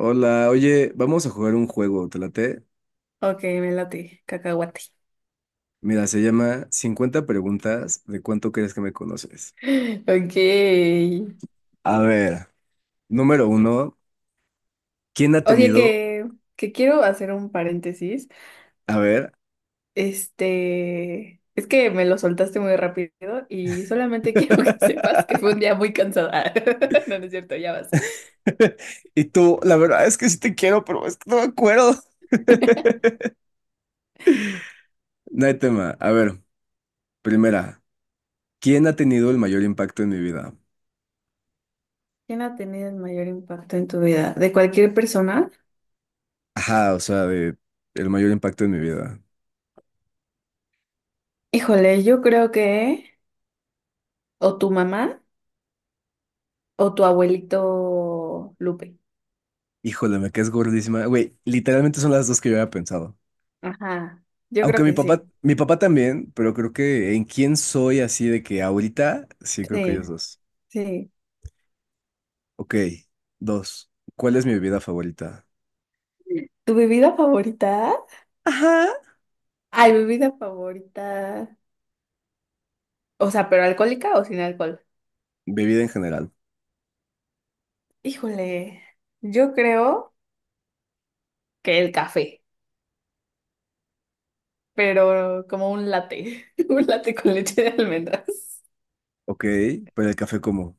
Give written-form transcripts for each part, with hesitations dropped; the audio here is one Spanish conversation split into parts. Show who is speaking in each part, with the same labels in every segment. Speaker 1: Hola, oye, vamos a jugar un juego, ¿te late?
Speaker 2: Ok, me late, cacahuate.
Speaker 1: Mira, se llama 50 preguntas de cuánto crees que me conoces.
Speaker 2: Ok.
Speaker 1: A ver, número uno, ¿quién ha
Speaker 2: O sea
Speaker 1: tenido?
Speaker 2: que quiero hacer un paréntesis.
Speaker 1: A ver.
Speaker 2: Este, es que me lo soltaste muy rápido y solamente quiero que sepas que fue un día muy cansada. No, no es cierto, ya vas.
Speaker 1: Y tú, la verdad es que sí te quiero, pero es que no me acuerdo. No hay tema. A ver, primera, ¿quién ha tenido el mayor impacto en mi vida?
Speaker 2: ¿Quién ha tenido el mayor impacto en tu vida? ¿De cualquier persona?
Speaker 1: Ajá, o sea, de el mayor impacto en mi vida.
Speaker 2: Híjole, yo creo que o tu mamá o tu abuelito Lupe.
Speaker 1: Híjole, me caes gordísima. Güey, literalmente son las dos que yo había pensado.
Speaker 2: Ajá, yo
Speaker 1: Aunque
Speaker 2: creo que sí.
Speaker 1: mi papá también, pero creo que en quién soy así de que ahorita, sí, creo que
Speaker 2: Sí,
Speaker 1: ellos dos.
Speaker 2: sí.
Speaker 1: Ok, dos. ¿Cuál es mi bebida favorita?
Speaker 2: ¿Tu bebida favorita?
Speaker 1: Ajá.
Speaker 2: Ay, bebida favorita. O sea, ¿pero alcohólica o sin alcohol?
Speaker 1: Bebida en general.
Speaker 2: Híjole, yo creo que el café, pero como un latte, un latte con leche de almendras.
Speaker 1: Ok, pero el café como.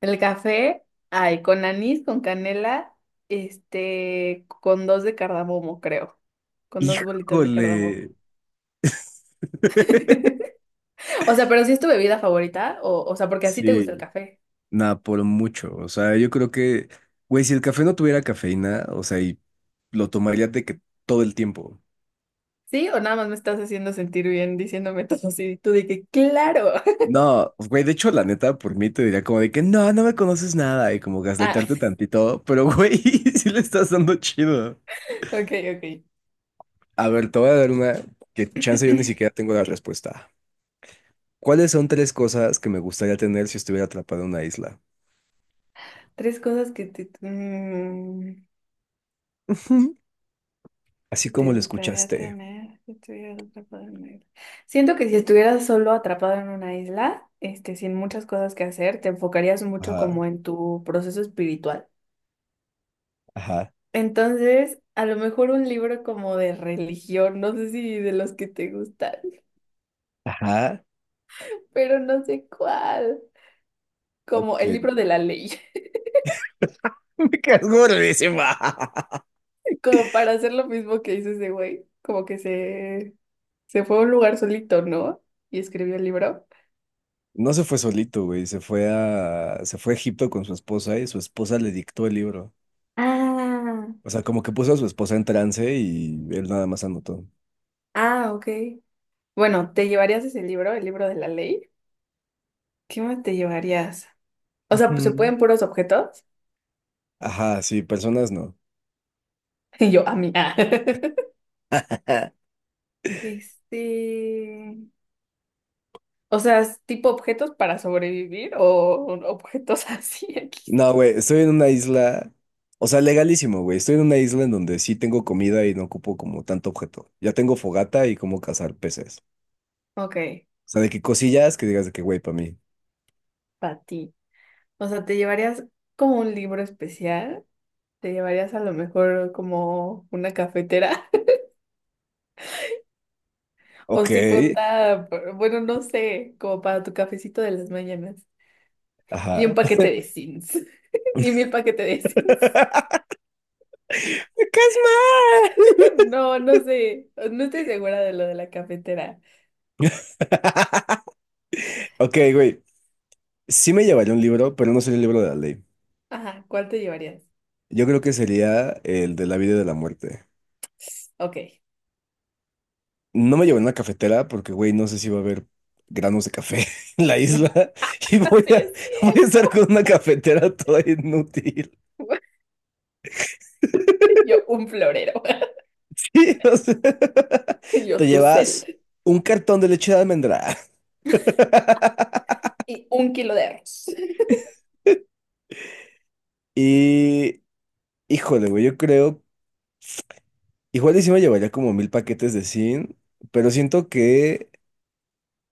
Speaker 2: El café, ay, con anís, con canela, este, con dos de cardamomo, creo, con dos bolitas de cardamomo.
Speaker 1: Híjole.
Speaker 2: O sea, pero si es tu bebida favorita, o sea, porque así te gusta el
Speaker 1: Sí,
Speaker 2: café.
Speaker 1: nada, por mucho. O sea, yo creo que, güey, si el café no tuviera cafeína, o sea, y lo tomaría de que todo el tiempo.
Speaker 2: ¿Sí? ¿O nada más me estás haciendo sentir bien diciéndome todo así? Tú de que, claro.
Speaker 1: No, güey, de hecho, la neta, por mí te diría como de que no, no me conoces nada y como
Speaker 2: Ah,
Speaker 1: gaslightarte tantito, pero güey, sí le estás dando chido.
Speaker 2: ok, ok.
Speaker 1: A ver, te voy a dar una que chance yo ni siquiera tengo la respuesta. ¿Cuáles son tres cosas que me gustaría tener si estuviera atrapado en una isla?
Speaker 2: Tres cosas que te, mm,
Speaker 1: Ujú. Así
Speaker 2: que
Speaker 1: como
Speaker 2: te
Speaker 1: lo
Speaker 2: gustaría
Speaker 1: escuchaste.
Speaker 2: tener si estuvieras atrapado en una isla. Siento que si estuvieras solo atrapado en una isla, este, sin muchas cosas que hacer, te enfocarías mucho
Speaker 1: Ajá,
Speaker 2: como en tu proceso espiritual.
Speaker 1: ajá,
Speaker 2: Entonces, a lo mejor un libro como de religión, no sé si de los que te gustan,
Speaker 1: ajá.
Speaker 2: pero no sé cuál. Como
Speaker 1: Ok.
Speaker 2: el libro de la ley,
Speaker 1: Me quedas gordísima.
Speaker 2: como para hacer lo mismo que hizo ese güey, como que se fue a un lugar solito, ¿no? Y escribió el libro.
Speaker 1: No se fue solito, güey, se fue a Egipto con su esposa y su esposa le dictó el libro.
Speaker 2: Ah,
Speaker 1: O sea, como que puso a su esposa en trance y él nada más anotó.
Speaker 2: ah, ok. Bueno, ¿te llevarías ese libro, el libro de la ley? ¿Qué más te llevarías? O sea, ¿se
Speaker 1: Ujú.
Speaker 2: pueden puros objetos?
Speaker 1: Ajá, sí, personas no.
Speaker 2: Y yo, a mí. Ah. Este, o sea, ¿es tipo objetos para sobrevivir o objetos así aquí.
Speaker 1: No, güey, estoy en una isla, o sea, legalísimo, güey. Estoy en una isla en donde sí tengo comida y no ocupo como tanto objeto. Ya tengo fogata y cómo cazar peces.
Speaker 2: Ok,
Speaker 1: O sea, de que cosillas que digas de que, güey, para mí.
Speaker 2: para ti. O sea, ¿te llevarías como un libro especial? ¿Te llevarías a lo mejor como una cafetera? O
Speaker 1: Ok,
Speaker 2: si cuenta, bueno, no sé, como para tu cafecito de las mañanas. Y un
Speaker 1: ajá.
Speaker 2: paquete de Sims. Y mi paquete de Sims.
Speaker 1: ¡Casmar!
Speaker 2: No, no sé. No estoy segura de lo de la cafetera.
Speaker 1: Ok, güey, sí me llevaría un libro, pero no sería el libro de la ley.
Speaker 2: Ajá, ¿cuál te llevarías?
Speaker 1: Yo creo que sería el de la vida y de la muerte.
Speaker 2: Ok.
Speaker 1: No me llevo en una cafetera porque, güey, no sé si va a haber granos de café en la isla y voy
Speaker 2: Así
Speaker 1: a,
Speaker 2: es
Speaker 1: voy a estar
Speaker 2: cierto.
Speaker 1: con una cafetera toda inútil.
Speaker 2: Yo un florero.
Speaker 1: Sí, o sea, te
Speaker 2: Yo tu
Speaker 1: llevas
Speaker 2: cel.
Speaker 1: un cartón de leche de almendra.
Speaker 2: Y un kilo de arroz.
Speaker 1: Y, híjole, güey, yo creo, igual y sí me llevaría como 1.000 paquetes de zinc, pero siento que,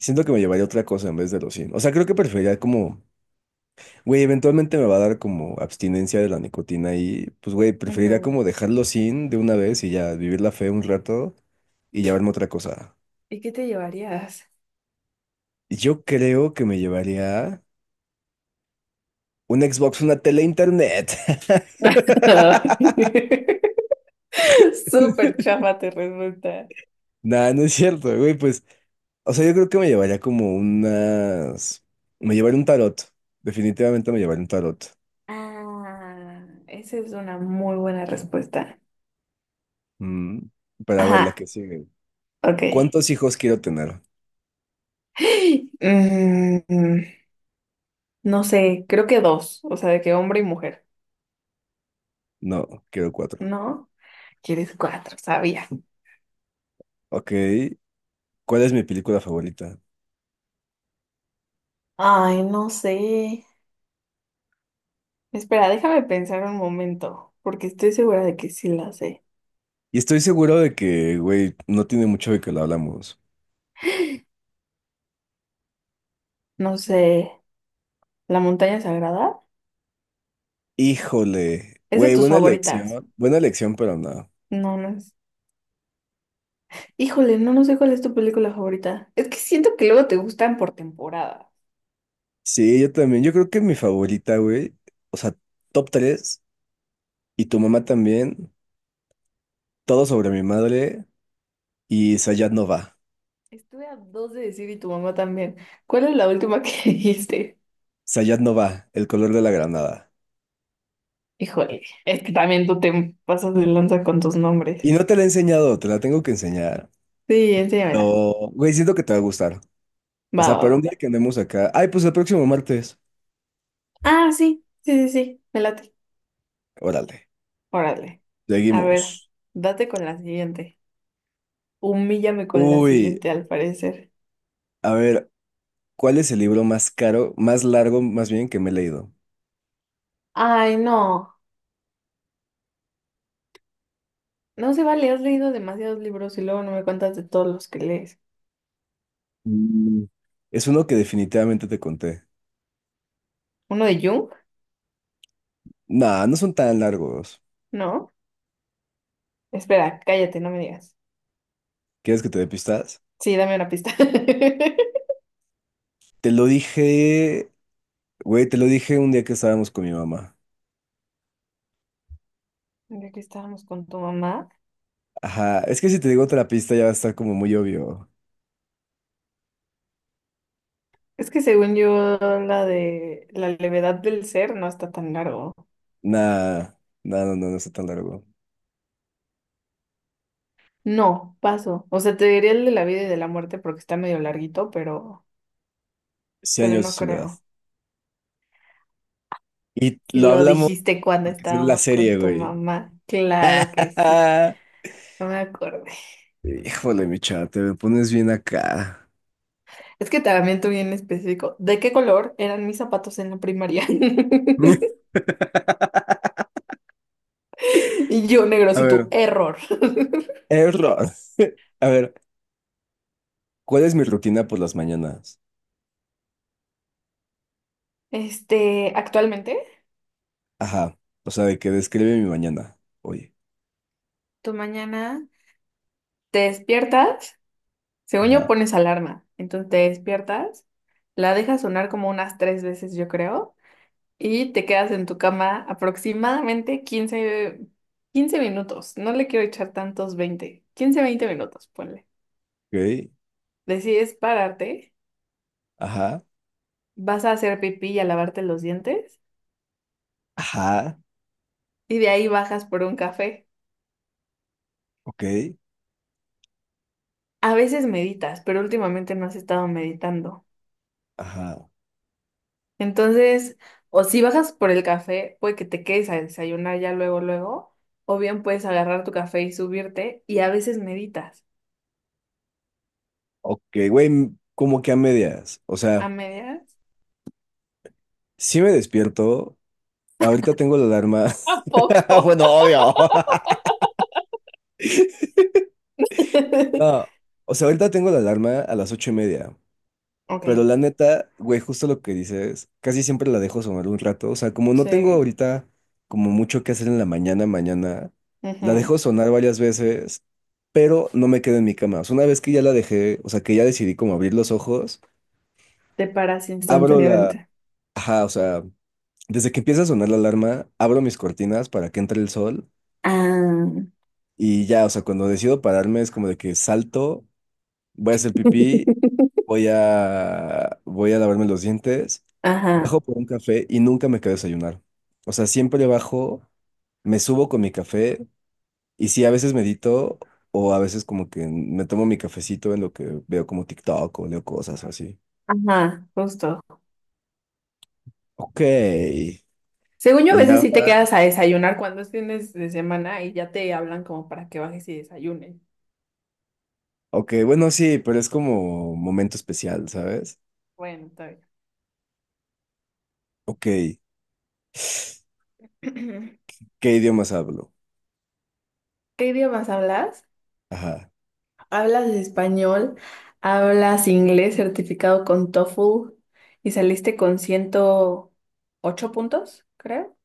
Speaker 1: siento que me llevaría otra cosa en vez de los zinc. O sea, creo que preferiría como güey, eventualmente me va a dar como abstinencia de la nicotina y pues, güey, preferiría
Speaker 2: Ujú.
Speaker 1: como dejarlo sin de una vez y ya vivir la fe un rato y llevarme otra cosa.
Speaker 2: ¿Y qué te llevarías?
Speaker 1: Yo creo que me llevaría un Xbox, una tele, internet.
Speaker 2: Ay. Súper chafa te resulta.
Speaker 1: Nah, no es cierto, güey, pues, o sea, yo creo que me llevaría como unas... Me llevaría un tarot, definitivamente me llevaría un tarot.
Speaker 2: Ah, esa es una muy buena respuesta.
Speaker 1: Mm, para ver la
Speaker 2: Ajá,
Speaker 1: que sigue.
Speaker 2: ok.
Speaker 1: ¿Cuántos hijos quiero tener?
Speaker 2: Mm, no sé, creo que dos, o sea, de que hombre y mujer.
Speaker 1: No, quiero cuatro.
Speaker 2: ¿No? Quieres cuatro, sabía.
Speaker 1: Ok, ¿cuál es mi película favorita?
Speaker 2: Ay, no sé. Espera, déjame pensar un momento, porque estoy segura de que sí la sé.
Speaker 1: Y estoy seguro de que, güey, no tiene mucho de que lo hablamos.
Speaker 2: No sé, ¿La montaña sagrada?
Speaker 1: Híjole,
Speaker 2: Es de
Speaker 1: güey,
Speaker 2: tus favoritas.
Speaker 1: buena elección, pero no.
Speaker 2: No, no es. Híjole, no, no sé cuál es tu película favorita. Es que siento que luego te gustan por temporada.
Speaker 1: Sí, yo también, yo creo que mi favorita, güey, o sea, top 3. Y tu mamá también, Todo sobre mi madre, y
Speaker 2: Estuve a dos de decir y tu mamá también. ¿Cuál es la última que dijiste?
Speaker 1: Sayat no va, El color de la granada.
Speaker 2: Híjole, es que también tú te pasas de lanza con tus nombres.
Speaker 1: Y no te la he enseñado, te la tengo que enseñar.
Speaker 2: Sí, enséñamela.
Speaker 1: Pero, güey, siento que te va a gustar. O
Speaker 2: Va,
Speaker 1: sea,
Speaker 2: va,
Speaker 1: para un
Speaker 2: va.
Speaker 1: día que andemos acá, ay, pues el próximo martes,
Speaker 2: Ah, sí, sí, sí, sí, me late.
Speaker 1: órale,
Speaker 2: Órale. A ver,
Speaker 1: seguimos.
Speaker 2: date con la siguiente. Humíllame con la
Speaker 1: Uy.
Speaker 2: siguiente, al parecer.
Speaker 1: A ver, ¿cuál es el libro más caro, más largo, más bien, que me he leído?
Speaker 2: Ay, no. No se vale, has leído demasiados libros y luego no me cuentas de todos los que lees.
Speaker 1: Mm. Es uno que definitivamente te conté.
Speaker 2: ¿Uno de Jung?
Speaker 1: Nah, no son tan largos.
Speaker 2: ¿No? Espera, cállate, no me digas.
Speaker 1: ¿Quieres que te dé pistas?
Speaker 2: Sí, dame una pista.
Speaker 1: Te lo dije, güey, te lo dije un día que estábamos con mi mamá.
Speaker 2: Ya que estábamos con tu mamá.
Speaker 1: Ajá, es que si te digo otra pista ya va a estar como muy obvio.
Speaker 2: Es que según yo, la de la levedad del ser no está tan largo.
Speaker 1: Nah, nah, no, no, no está tan largo.
Speaker 2: No, paso. O sea, te diría el de la vida y de la muerte porque está medio larguito, pero
Speaker 1: Cien
Speaker 2: pero
Speaker 1: años de
Speaker 2: no
Speaker 1: soledad.
Speaker 2: creo.
Speaker 1: Y
Speaker 2: Si
Speaker 1: lo
Speaker 2: lo
Speaker 1: hablamos
Speaker 2: dijiste cuando
Speaker 1: porque es la
Speaker 2: estábamos
Speaker 1: serie,
Speaker 2: con tu
Speaker 1: güey.
Speaker 2: mamá, claro que sí, no me acordé.
Speaker 1: Híjole, mi chava, te me pones bien acá.
Speaker 2: Es que también tú bien específico, ¿de qué color eran mis zapatos en la primaria? Y yo negro,
Speaker 1: A
Speaker 2: si tu
Speaker 1: ver.
Speaker 2: error.
Speaker 1: Error. A ver, ¿cuál es mi rutina por las mañanas?
Speaker 2: Este, actualmente,
Speaker 1: Ajá. O sea, de que describe mi mañana. Oye.
Speaker 2: tú mañana te despiertas, según yo
Speaker 1: Ajá.
Speaker 2: pones alarma, entonces te despiertas, la dejas sonar como unas 3 veces, yo creo. Y te quedas en tu cama aproximadamente quince minutos. No le quiero echar tantos 20, 15 20 minutos, ponle.
Speaker 1: Ok.
Speaker 2: Decides pararte,
Speaker 1: Ajá.
Speaker 2: vas a hacer pipí y a lavarte los dientes
Speaker 1: Ajá.
Speaker 2: y de ahí bajas por un café.
Speaker 1: Ok.
Speaker 2: A veces meditas, pero últimamente no has estado meditando.
Speaker 1: Ajá.
Speaker 2: Entonces, o si bajas por el café, puede que te quedes a desayunar ya luego, luego, o bien puedes agarrar tu café y subirte y a veces meditas.
Speaker 1: Ok, güey, como que a medias. O
Speaker 2: ¿A
Speaker 1: sea,
Speaker 2: medias?
Speaker 1: sí me despierto. Ahorita tengo la alarma.
Speaker 2: ¿A poco?
Speaker 1: Bueno, obvio. No. O sea, ahorita tengo la alarma a las 8:30. Pero
Speaker 2: Ok.
Speaker 1: la neta, güey, justo lo que dices, casi siempre la dejo sonar un rato. O sea, como no tengo
Speaker 2: Sí.
Speaker 1: ahorita como mucho que hacer en la mañana, la
Speaker 2: Ujú.
Speaker 1: dejo sonar varias veces, pero no me quedo en mi cama. O sea, una vez que ya la dejé, o sea, que ya decidí como abrir los ojos,
Speaker 2: Te paras
Speaker 1: abro la...
Speaker 2: instantáneamente.
Speaker 1: Ajá, o sea, desde que empieza a sonar la alarma, abro mis cortinas para que entre el sol
Speaker 2: Ah.
Speaker 1: y ya, o sea, cuando decido pararme es como de que salto, voy a hacer pipí, voy a lavarme los dientes.
Speaker 2: Ajá,
Speaker 1: Bajo por un café y nunca me quedé a desayunar. O sea, siempre bajo, me subo con mi café y sí, a veces medito o a veces como que me tomo mi cafecito en lo que veo como TikTok o leo cosas así.
Speaker 2: ajá, justo.
Speaker 1: Ok.
Speaker 2: Según yo, a
Speaker 1: Y
Speaker 2: veces sí te
Speaker 1: ahora,
Speaker 2: quedas a desayunar cuando es fines de semana y ya te hablan como para que bajes y desayunes.
Speaker 1: ok, bueno, sí, pero es como momento especial, ¿sabes?
Speaker 2: Bueno, está
Speaker 1: Ok.
Speaker 2: bien.
Speaker 1: ¿Qué idiomas hablo?
Speaker 2: ¿Qué idiomas hablas?
Speaker 1: Ajá.
Speaker 2: ¿Hablas español? ¿Hablas inglés certificado con TOEFL? ¿Y saliste con 108 puntos, creo?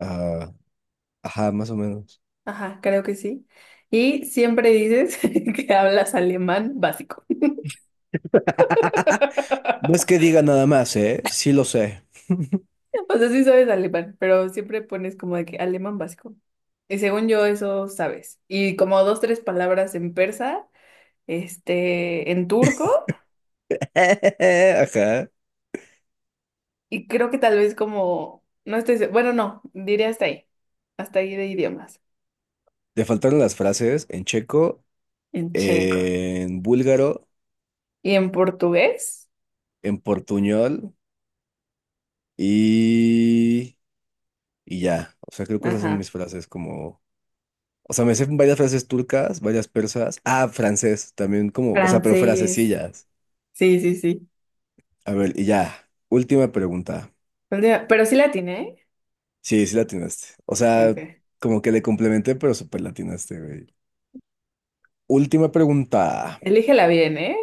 Speaker 1: Ah, ajá, más o menos.
Speaker 2: Ajá, creo que sí. Y siempre dices que hablas alemán básico.
Speaker 1: No es que diga nada más, ¿eh? Sí lo sé.
Speaker 2: O sea, sí sabes alemán, pero siempre pones como de que alemán básico. Y según yo, eso sabes. Y como dos, tres palabras en persa, este, en turco,
Speaker 1: Ajá.
Speaker 2: y creo que tal vez como, no estoy, bueno, no, diré hasta ahí de idiomas,
Speaker 1: Te faltaron las frases en checo
Speaker 2: en checo.
Speaker 1: en búlgaro,
Speaker 2: Y en portugués,
Speaker 1: en portuñol y, y ya. O sea, creo que esas son
Speaker 2: ajá,
Speaker 1: mis frases como... O sea, me sé varias frases turcas, varias persas. Ah, francés también como... O sea, pero
Speaker 2: francés,
Speaker 1: frasecillas.
Speaker 2: sí, sí, sí.
Speaker 1: A ver, y ya. Última pregunta.
Speaker 2: Última... Pero sí la atiné, ¿eh?
Speaker 1: Sí, sí la atinaste. O sea,
Speaker 2: Ok.
Speaker 1: como que le complementé, pero súper la atinaste, güey. Última pregunta.
Speaker 2: Elígela bien, ¿eh?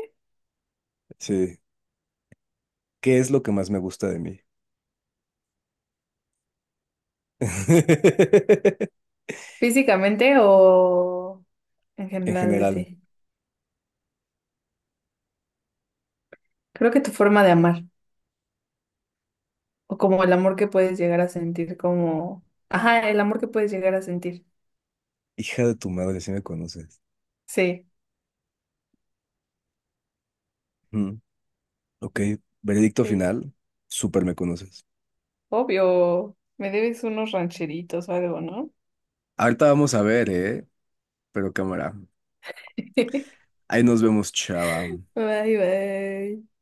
Speaker 1: Sí. ¿Qué es lo que más me gusta de mí?
Speaker 2: Físicamente o en
Speaker 1: En
Speaker 2: general de
Speaker 1: general.
Speaker 2: ti. Creo que tu forma de amar, o como el amor que puedes llegar a sentir, como... Ajá, el amor que puedes llegar a sentir.
Speaker 1: Hija de tu madre, si me conoces.
Speaker 2: Sí,
Speaker 1: Ok, veredicto
Speaker 2: sí.
Speaker 1: final. Súper me conoces.
Speaker 2: Obvio, me debes unos rancheritos o algo, ¿no?
Speaker 1: Ahorita vamos a ver, ¿eh? Pero cámara. Ahí nos vemos, chava.
Speaker 2: Bye, bye.